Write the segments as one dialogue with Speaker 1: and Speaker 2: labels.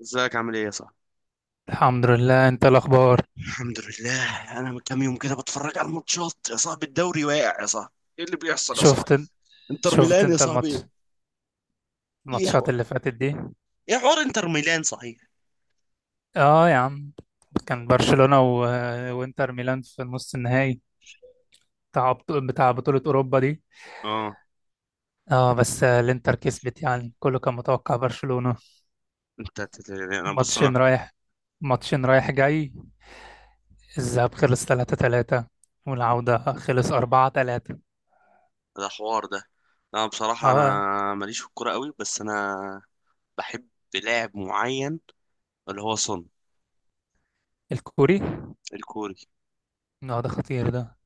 Speaker 1: ازيك عامل ايه يا صاحبي؟
Speaker 2: الحمد لله، انت الاخبار؟
Speaker 1: الحمد لله، انا من كام يوم كده بتفرج على الماتشات يا صاحبي. الدوري واقع يا صاحبي، ايه اللي بيحصل يا صاحبي؟
Speaker 2: شفت
Speaker 1: انتر
Speaker 2: شفت
Speaker 1: ميلان يا
Speaker 2: انت الماتش؟
Speaker 1: صاحبي. ايه
Speaker 2: الماتشات
Speaker 1: حوار
Speaker 2: اللي فاتت دي؟
Speaker 1: ايه حوار انتر ميلان صحيح؟
Speaker 2: اه يا عم. كان برشلونة و... وانتر ميلان في نص النهائي، بتاع بطولة اوروبا دي.
Speaker 1: اه.
Speaker 2: اه، بس الانتر كسبت، يعني كله كان متوقع برشلونة.
Speaker 1: انا، بص، انا
Speaker 2: ماتشين رايح ماتشين رايح جاي. الذهاب خلص 3-3 والعودة خلص 4-3.
Speaker 1: ده حوار ده. انا، بصراحة، انا
Speaker 2: اه.
Speaker 1: ماليش في الكورة قوي، بس انا بحب لاعب معين، اللي هو سون
Speaker 2: الكوري.
Speaker 1: الكوري.
Speaker 2: اه، ده خطير ده.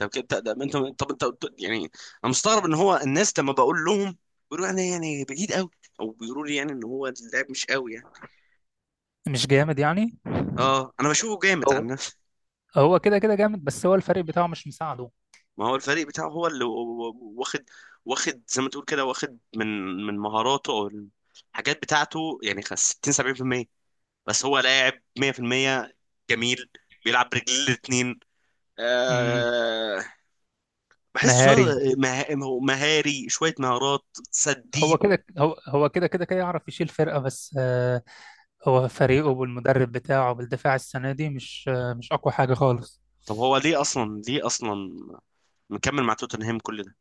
Speaker 1: طب انت، يعني انا مستغرب ان هو الناس لما بقول لهم بيقولوا انا يعني بعيد قوي، او بيقولوا لي يعني ان هو اللاعب مش قوي يعني.
Speaker 2: مش جامد يعني.
Speaker 1: اه، انا بشوفه جامد
Speaker 2: هو
Speaker 1: عن نفسي.
Speaker 2: هو كده كده جامد، بس هو الفريق بتاعه مش مساعده.
Speaker 1: ما هو الفريق بتاعه هو اللي واخد واخد، زي ما تقول كده، واخد من مهاراته او الحاجات بتاعته يعني، 60 70%، بس هو لاعب 100%، جميل. بيلعب برجلين الاثنين.
Speaker 2: مم.
Speaker 1: أه، بحسه
Speaker 2: مهاري.
Speaker 1: هو مهاري، شوية مهارات
Speaker 2: هو
Speaker 1: سديد.
Speaker 2: كده هو هو كده كده كده يعرف يشيل فرقة بس هو فريقه بالمدرب بتاعه بالدفاع السنة دي مش أقوى حاجة خالص.
Speaker 1: طب هو ليه اصلا مكمل مع توتنهام كل ده؟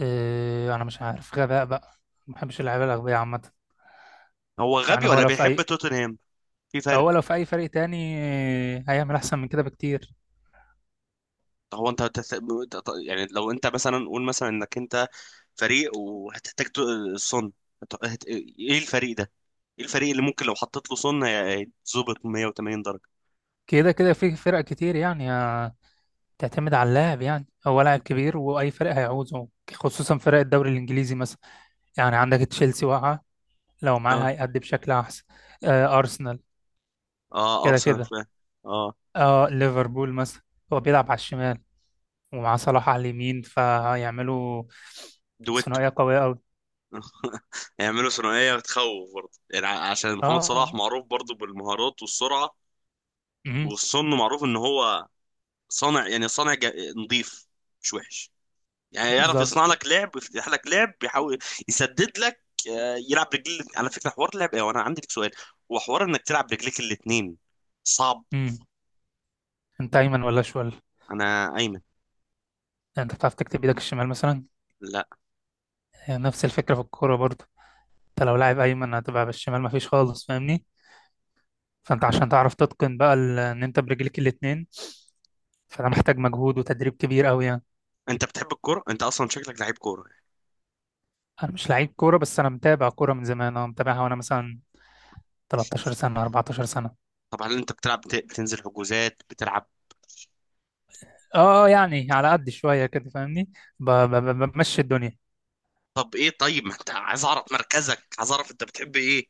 Speaker 2: أنا مش عارف، غباء بقى. ما بحبش اللعيبة الأغبياء عامة.
Speaker 1: هو
Speaker 2: يعني
Speaker 1: غبي
Speaker 2: هو
Speaker 1: ولا
Speaker 2: لو في
Speaker 1: بيحب
Speaker 2: أي
Speaker 1: توتنهام؟ في فرق.
Speaker 2: هو لو في أي فريق تاني هيعمل أحسن من كده بكتير.
Speaker 1: هو انت تت- ت- يعني لو انت مثلا، قول مثلا، انك انت فريق وهتحتاج صن، ايه الفريق ده؟ ايه الفريق اللي ممكن لو حطيت له صن هيتظبط 180 درجة؟
Speaker 2: كده كده في فرق كتير، يعني تعتمد على اللاعب، يعني هو لاعب كبير وأي فريق هيعوزه، خصوصا فرق الدوري الإنجليزي مثلا. يعني عندك تشيلسي واقعة، لو
Speaker 1: اه.
Speaker 2: معاه هيأدي بشكل أحسن. أرسنال.
Speaker 1: اه،
Speaker 2: كده
Speaker 1: ارسنال
Speaker 2: كده.
Speaker 1: فعلا. اه،
Speaker 2: اه، ليفربول مثلا. هو بيلعب على الشمال ومع صلاح على اليمين فهيعملوا
Speaker 1: دويتو.
Speaker 2: ثنائية قوية أوي.
Speaker 1: يعملوا ثنائية بتخوف برضه، يعني عشان محمد صلاح
Speaker 2: اه.
Speaker 1: معروف برضه بالمهارات والسرعة،
Speaker 2: امم.
Speaker 1: والصن معروف ان هو صانع، يعني صانع نظيف، مش وحش، يعني يعرف يصنع
Speaker 2: بالظبط.
Speaker 1: لك لعب ويفتح لك لعب، بيحاول يسدد لك. يلعب رجل. على فكره، حوار لعب ايه، وانا عندي لك سؤال. هو حوار انك تلعب رجليك الاثنين صعب.
Speaker 2: امم. انت ايمن ولا اشول؟
Speaker 1: انا ايمن.
Speaker 2: انت بتعرف تكتب ايدك الشمال مثلا؟
Speaker 1: لا.
Speaker 2: هي نفس الفكرة في الكورة برضه. انت لو لاعب ايمن هتبقى بالشمال، مفيش خالص، فاهمني؟ فانت عشان تعرف تتقن بقى ان انت برجليك الاتنين، فده محتاج مجهود وتدريب كبير قوي يعني.
Speaker 1: انت بتحب الكوره؟ انت اصلا شكلك لعيب كوره.
Speaker 2: انا مش لعيب كورة، بس انا متابع كورة من زمان، انا متابعها وانا مثلا 13 سنة، 14 سنة.
Speaker 1: طب هل انت بتلعب، بتنزل حجوزات، بتلعب؟
Speaker 2: اه، يعني على قد شوية كده فاهمني. ب- ب- بمشي الدنيا.
Speaker 1: طب ايه؟ طيب، ما انت عايز اعرف مركزك، عايز اعرف انت بتحب ايه.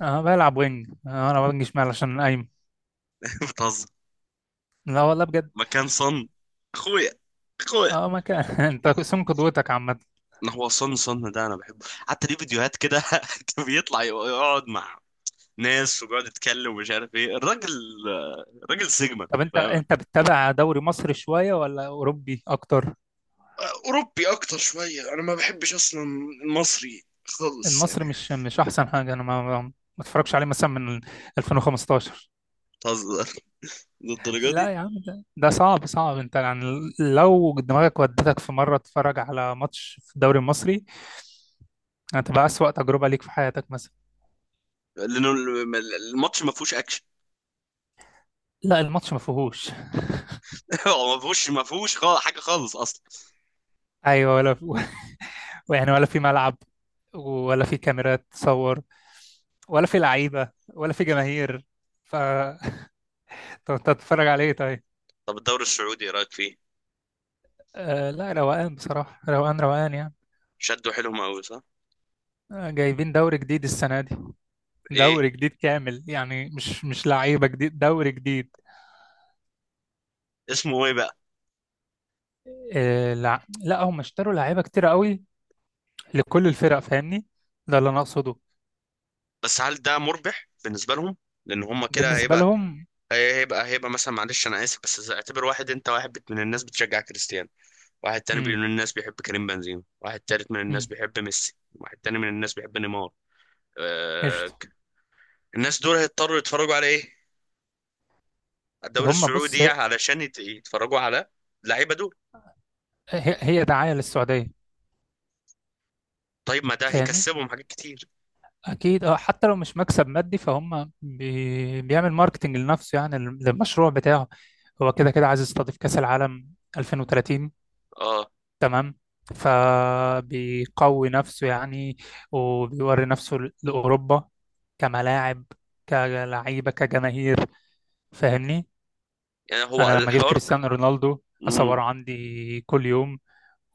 Speaker 2: اه، بلعب وينج، انا وينج شمال عشان قايم.
Speaker 1: بتهزر؟
Speaker 2: لا والله بجد.
Speaker 1: مكان صن؟ اخويا، اخويا،
Speaker 2: اه، ما كان انت قسم قدوتك عامة.
Speaker 1: ما هو صن، صن ده انا بحبه، حتى ليه فيديوهات كده. بيطلع يقعد مع ناس وبيقعد يتكلم، ومش عارف ايه. الراجل، الراجل سيجما.
Speaker 2: طب انت
Speaker 1: فاهم.
Speaker 2: انت بتتابع دوري مصري شوية ولا اوروبي اكتر؟
Speaker 1: اوروبي اكتر شويه، انا ما بحبش اصلا المصري خالص يعني.
Speaker 2: المصري مش احسن حاجة، انا ما اتفرجش عليه مثلا من 2015.
Speaker 1: بتهزر للدرجه
Speaker 2: لا
Speaker 1: دي؟
Speaker 2: يا عم، ده صعب، صعب، انت يعني لو دماغك ودتك في مرة تتفرج على ماتش في الدوري المصري، هتبقى أسوأ تجربة ليك في حياتك مثلا.
Speaker 1: لانه الماتش ما فيهوش اكشن.
Speaker 2: لا الماتش ما فيهوش.
Speaker 1: هو ما فيهوش، ما فيهوش خالص، حاجه خالص اصلا.
Speaker 2: ايوه، ولا يعني، ولا في ملعب، ولا في كاميرات تصور، ولا في لعيبة، ولا في جماهير. ف طب أنت هتتفرج عليه طيب.
Speaker 1: طب الدوري السعودي ايه رايك فيه؟
Speaker 2: لا، روقان بصراحة، روقان، روقان يعني.
Speaker 1: شدوا حيلهم قوي، صح؟
Speaker 2: جايبين دوري جديد السنة دي،
Speaker 1: ايه
Speaker 2: دوري جديد كامل، يعني مش لعيبة جديد، دوري جديد.
Speaker 1: اسمه ايه بقى؟
Speaker 2: لا، لا، هم اشتروا لعيبة كتير قوي لكل الفرق، فاهمني؟ ده اللي أنا أقصده.
Speaker 1: بس هل ده مربح بالنسبه لهم؟ لان هم كده
Speaker 2: بالنسبة
Speaker 1: هيبقى،
Speaker 2: لهم.
Speaker 1: هيبقى مثلا، معلش انا اسف، بس اعتبر واحد، انت واحد من الناس بتشجع كريستيانو، واحد تاني
Speaker 2: امم.
Speaker 1: من الناس بيحب كريم بنزيما، واحد تالت من الناس
Speaker 2: امم.
Speaker 1: بيحب ميسي، واحد تاني من الناس بيحب نيمار. آه...
Speaker 2: قشطة.
Speaker 1: الناس دول هيضطروا يتفرجوا على ايه؟ على الدوري
Speaker 2: هم بص،
Speaker 1: السعودي، يعني علشان يتفرجوا على اللعيبه دول.
Speaker 2: هي دعاية للسعودية،
Speaker 1: طيب، ما ده
Speaker 2: فاهمني؟
Speaker 1: هيكسبهم حاجات كتير.
Speaker 2: اكيد، اه، حتى لو مش مكسب مادي، فهم بيعمل ماركتنج لنفسه، يعني للمشروع بتاعه. هو كده كده عايز يستضيف كأس العالم 2030.
Speaker 1: اه،
Speaker 2: تمام. فبيقوي نفسه يعني، وبيوري نفسه لأوروبا، كملاعب، كلعيبة، كجماهير، فاهمني؟
Speaker 1: يعني هو
Speaker 2: انا لما جبت
Speaker 1: الحوار ده.
Speaker 2: كريستيانو رونالدو
Speaker 1: امم.
Speaker 2: اصوره عندي كل يوم،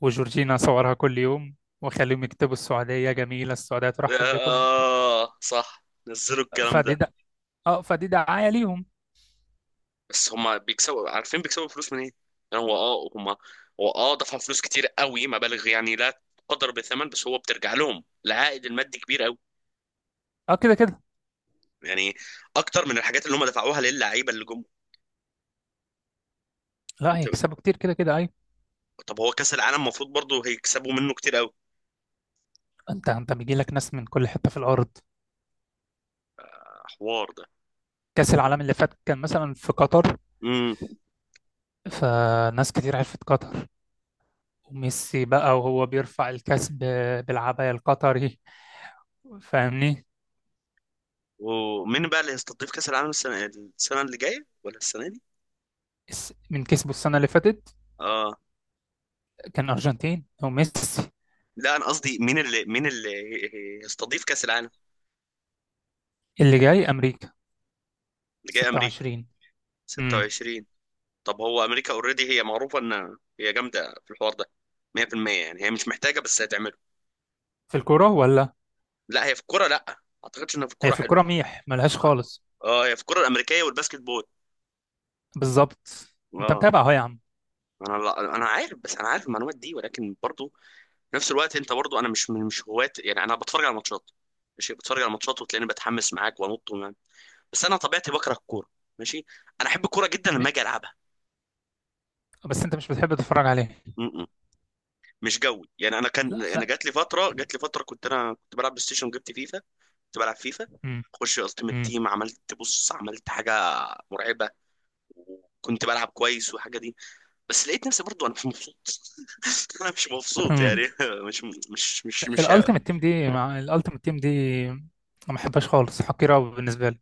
Speaker 2: وجورجينا اصورها كل يوم، واخليهم يكتبوا السعودية جميلة، السعودية ترحب بكم.
Speaker 1: اه صح، نزلوا الكلام
Speaker 2: فدي
Speaker 1: ده.
Speaker 2: د... اه، فدي دعاية ليهم.
Speaker 1: بس هما بيكسبوا، عارفين بيكسبوا فلوس من ايه؟ يعني هو هما، هو دفع فلوس كتير قوي، مبالغ يعني لا تقدر بثمن، بس هو بترجع لهم العائد المادي كبير قوي،
Speaker 2: اه، كده كده.
Speaker 1: يعني اكتر من الحاجات اللي هم دفعوها للعيبه اللي جم.
Speaker 2: لا
Speaker 1: انت،
Speaker 2: هيكسبوا كتير كده كده، ايوه.
Speaker 1: طب هو كاس العالم المفروض برضه هيكسبوا منه كتير قوي،
Speaker 2: انت بيجي لك ناس من كل حته في الارض.
Speaker 1: حوار ده.
Speaker 2: كاس العالم اللي فات كان مثلا في قطر،
Speaker 1: امم.
Speaker 2: فناس كتير عرفت قطر، وميسي بقى وهو بيرفع الكاس بالعباية القطري، فاهمني؟
Speaker 1: ومين بقى اللي هيستضيف كاس العالم، السنه اللي جايه ولا السنه دي؟
Speaker 2: من كسبه السنه اللي فاتت
Speaker 1: اه،
Speaker 2: كان ارجنتين وميسي.
Speaker 1: لا، انا قصدي مين اللي هيستضيف كاس العالم
Speaker 2: اللي جاي امريكا.
Speaker 1: اللي جاي؟ امريكا.
Speaker 2: 26. امم.
Speaker 1: 26؟ طب هو امريكا اوريدي هي معروفه ان هي جامده في الحوار ده 100%، يعني هي مش محتاجه، بس هتعمله.
Speaker 2: في الكوره ولا؟
Speaker 1: لا، هي في الكوره، لا، ما اعتقدش انها في
Speaker 2: هي
Speaker 1: الكوره
Speaker 2: في
Speaker 1: حلو.
Speaker 2: الكوره ميح، ملهاش
Speaker 1: اه،
Speaker 2: خالص.
Speaker 1: اه، هي في الكوره الامريكيه والباسكت بول.
Speaker 2: بالظبط. انت
Speaker 1: اه.
Speaker 2: متابع اهو يا عم.
Speaker 1: انا، لا، انا عارف، بس انا عارف المعلومات دي، ولكن برضو في نفس الوقت انت برضو. انا مش هواة يعني، انا بتفرج على ماتشات، ماشي، بتفرج على ماتشات وتلاقيني بتحمس معاك وانط ومان. بس انا طبيعتي بكره الكوره، ماشي، انا احب الكوره جدا
Speaker 2: م-
Speaker 1: لما اجي العبها.
Speaker 2: بس انت مش بتحب تتفرج عليه.
Speaker 1: م -م. مش جوي يعني. انا كان
Speaker 2: لا،
Speaker 1: انا
Speaker 2: لا.
Speaker 1: جات لي فتره كنت بلعب بلاي ستيشن، جبت فيفا. كنت بلعب فيفا،
Speaker 2: امم.
Speaker 1: اخش التيمت تيم، عملت، بص، عملت حاجه مرعبه، وكنت بلعب كويس والحاجه دي، بس لقيت نفسي برضو انا مش مبسوط. انا مش مبسوط
Speaker 2: امم.
Speaker 1: يعني. مش مش.
Speaker 2: الالتيمت تيم دي ما بحبهاش خالص، حقيره قوي بالنسبه لي.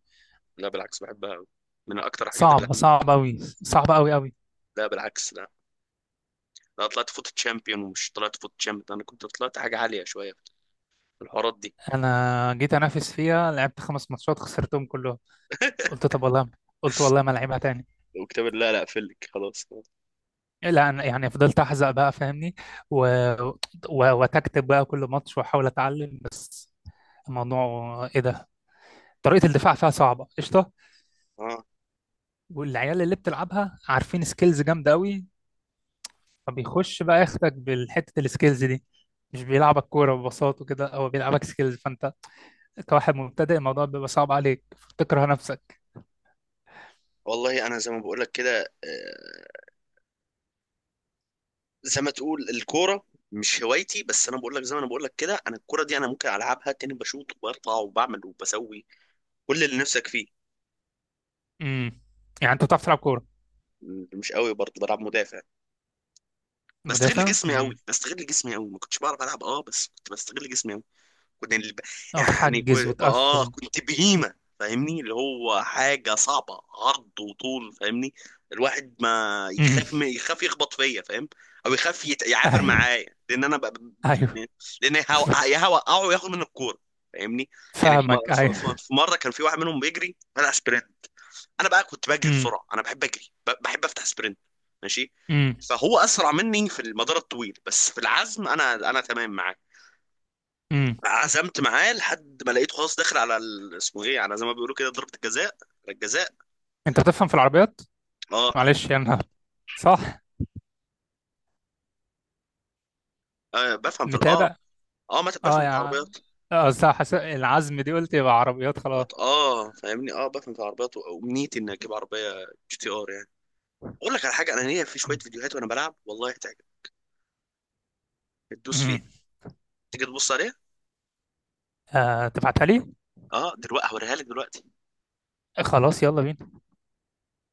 Speaker 1: لا بالعكس، بحبها أوي. من اكتر الحاجات اللي
Speaker 2: صعبه،
Speaker 1: حبيتها.
Speaker 2: صعبه قوي، صعبه قوي قوي.
Speaker 1: لا بالعكس، لا. لا، طلعت فوت تشامبيون، ومش طلعت فوت تشامبيون، انا كنت طلعت حاجه عاليه شويه في الحوارات دي.
Speaker 2: انا جيت انافس فيها، لعبت 5 ماتشات خسرتهم كلهم. قلت طب والله قلت والله ما العبها تاني.
Speaker 1: وكتاب، لا لا، فلك خلاص.
Speaker 2: لا أنا يعني فضلت احزق بقى فاهمني، و... و... وتكتب بقى كل ماتش واحاول اتعلم، بس الموضوع ايه ده؟ طريقه الدفاع فيها صعبه قشطه،
Speaker 1: اه،
Speaker 2: والعيال اللي بتلعبها عارفين سكيلز جامده قوي، فبيخش بقى ياخدك بالحتة السكيلز دي، مش بيلعبك كورة ببساطة كده، هو بيلعبك سكيلز، فأنت كواحد مبتدئ الموضوع بيبقى صعب عليك فتكره نفسك.
Speaker 1: والله انا زي ما بقول لك كده، زي ما تقول الكوره مش هوايتي، بس انا بقول لك زي ما انا بقول لك كده، انا الكوره دي انا ممكن العبها تاني، بشوط وبرفع وبعمل وبسوي كل اللي نفسك فيه.
Speaker 2: امم. يعني أنت بتعرف تلعب كورة؟
Speaker 1: مش قوي برضه، بلعب مدافع. بستغل
Speaker 2: مدافع.
Speaker 1: جسمي قوي،
Speaker 2: امم.
Speaker 1: بستغل جسمي قوي، ما كنتش بعرف العب، اه، بس كنت بستغل جسمي. كنت ال-
Speaker 2: أو
Speaker 1: يعني
Speaker 2: تحجز
Speaker 1: كنت اه
Speaker 2: وتقفل.
Speaker 1: كنت بهيمة، فاهمني، اللي هو حاجة صعبة، عرض وطول، فاهمني. الواحد ما
Speaker 2: امم.
Speaker 1: يخاف، ما يخاف يخبط فيا، فاهم؟ او يخاف يعافر
Speaker 2: أيوه.
Speaker 1: معايا، لان انا
Speaker 2: أيوه.
Speaker 1: يعني، لان هو، يا هوقعه وياخد من الكورة، فاهمني. يعني في,
Speaker 2: فاهمك.
Speaker 1: م... في... في
Speaker 2: أيوه.
Speaker 1: في مرة كان في واحد منهم بيجري، انا سبرنت. انا بقى كنت بجري
Speaker 2: امم.
Speaker 1: بسرعة، انا بحب اجري، بحب افتح سبرنت، ماشي،
Speaker 2: امم.
Speaker 1: فهو اسرع مني في المدار الطويل، بس في العزم انا تمام معاه،
Speaker 2: امم.
Speaker 1: عزمت معاه لحد ما لقيته خلاص داخل على اسمه ايه، على زي ما بيقولوا كده، ضربة الجزاء، على الجزاء.
Speaker 2: أنت بتفهم في العربيات؟
Speaker 1: اه،
Speaker 2: معلش يعني أنا. صح.
Speaker 1: آه، بفهم في.
Speaker 2: متابع.
Speaker 1: اه، ما
Speaker 2: أه
Speaker 1: بفهم في
Speaker 2: يعني،
Speaker 1: العربيات.
Speaker 2: قصدي العزم دي، قلت يبقى عربيات خلاص.
Speaker 1: اه، فاهمني، اه، بفهم في العربيات، وامنيتي اني اجيب عربية جي تي ار يعني. اقول لك على حاجة، انا ليا في شوية فيديوهات وانا بلعب، والله هتعجب، هتدوس
Speaker 2: امم.
Speaker 1: فيها، تيجي تبص عليها.
Speaker 2: تبعتها لي.
Speaker 1: اه، دلوقتي هوريها لك دلوقتي.
Speaker 2: خلاص، يلا بينا.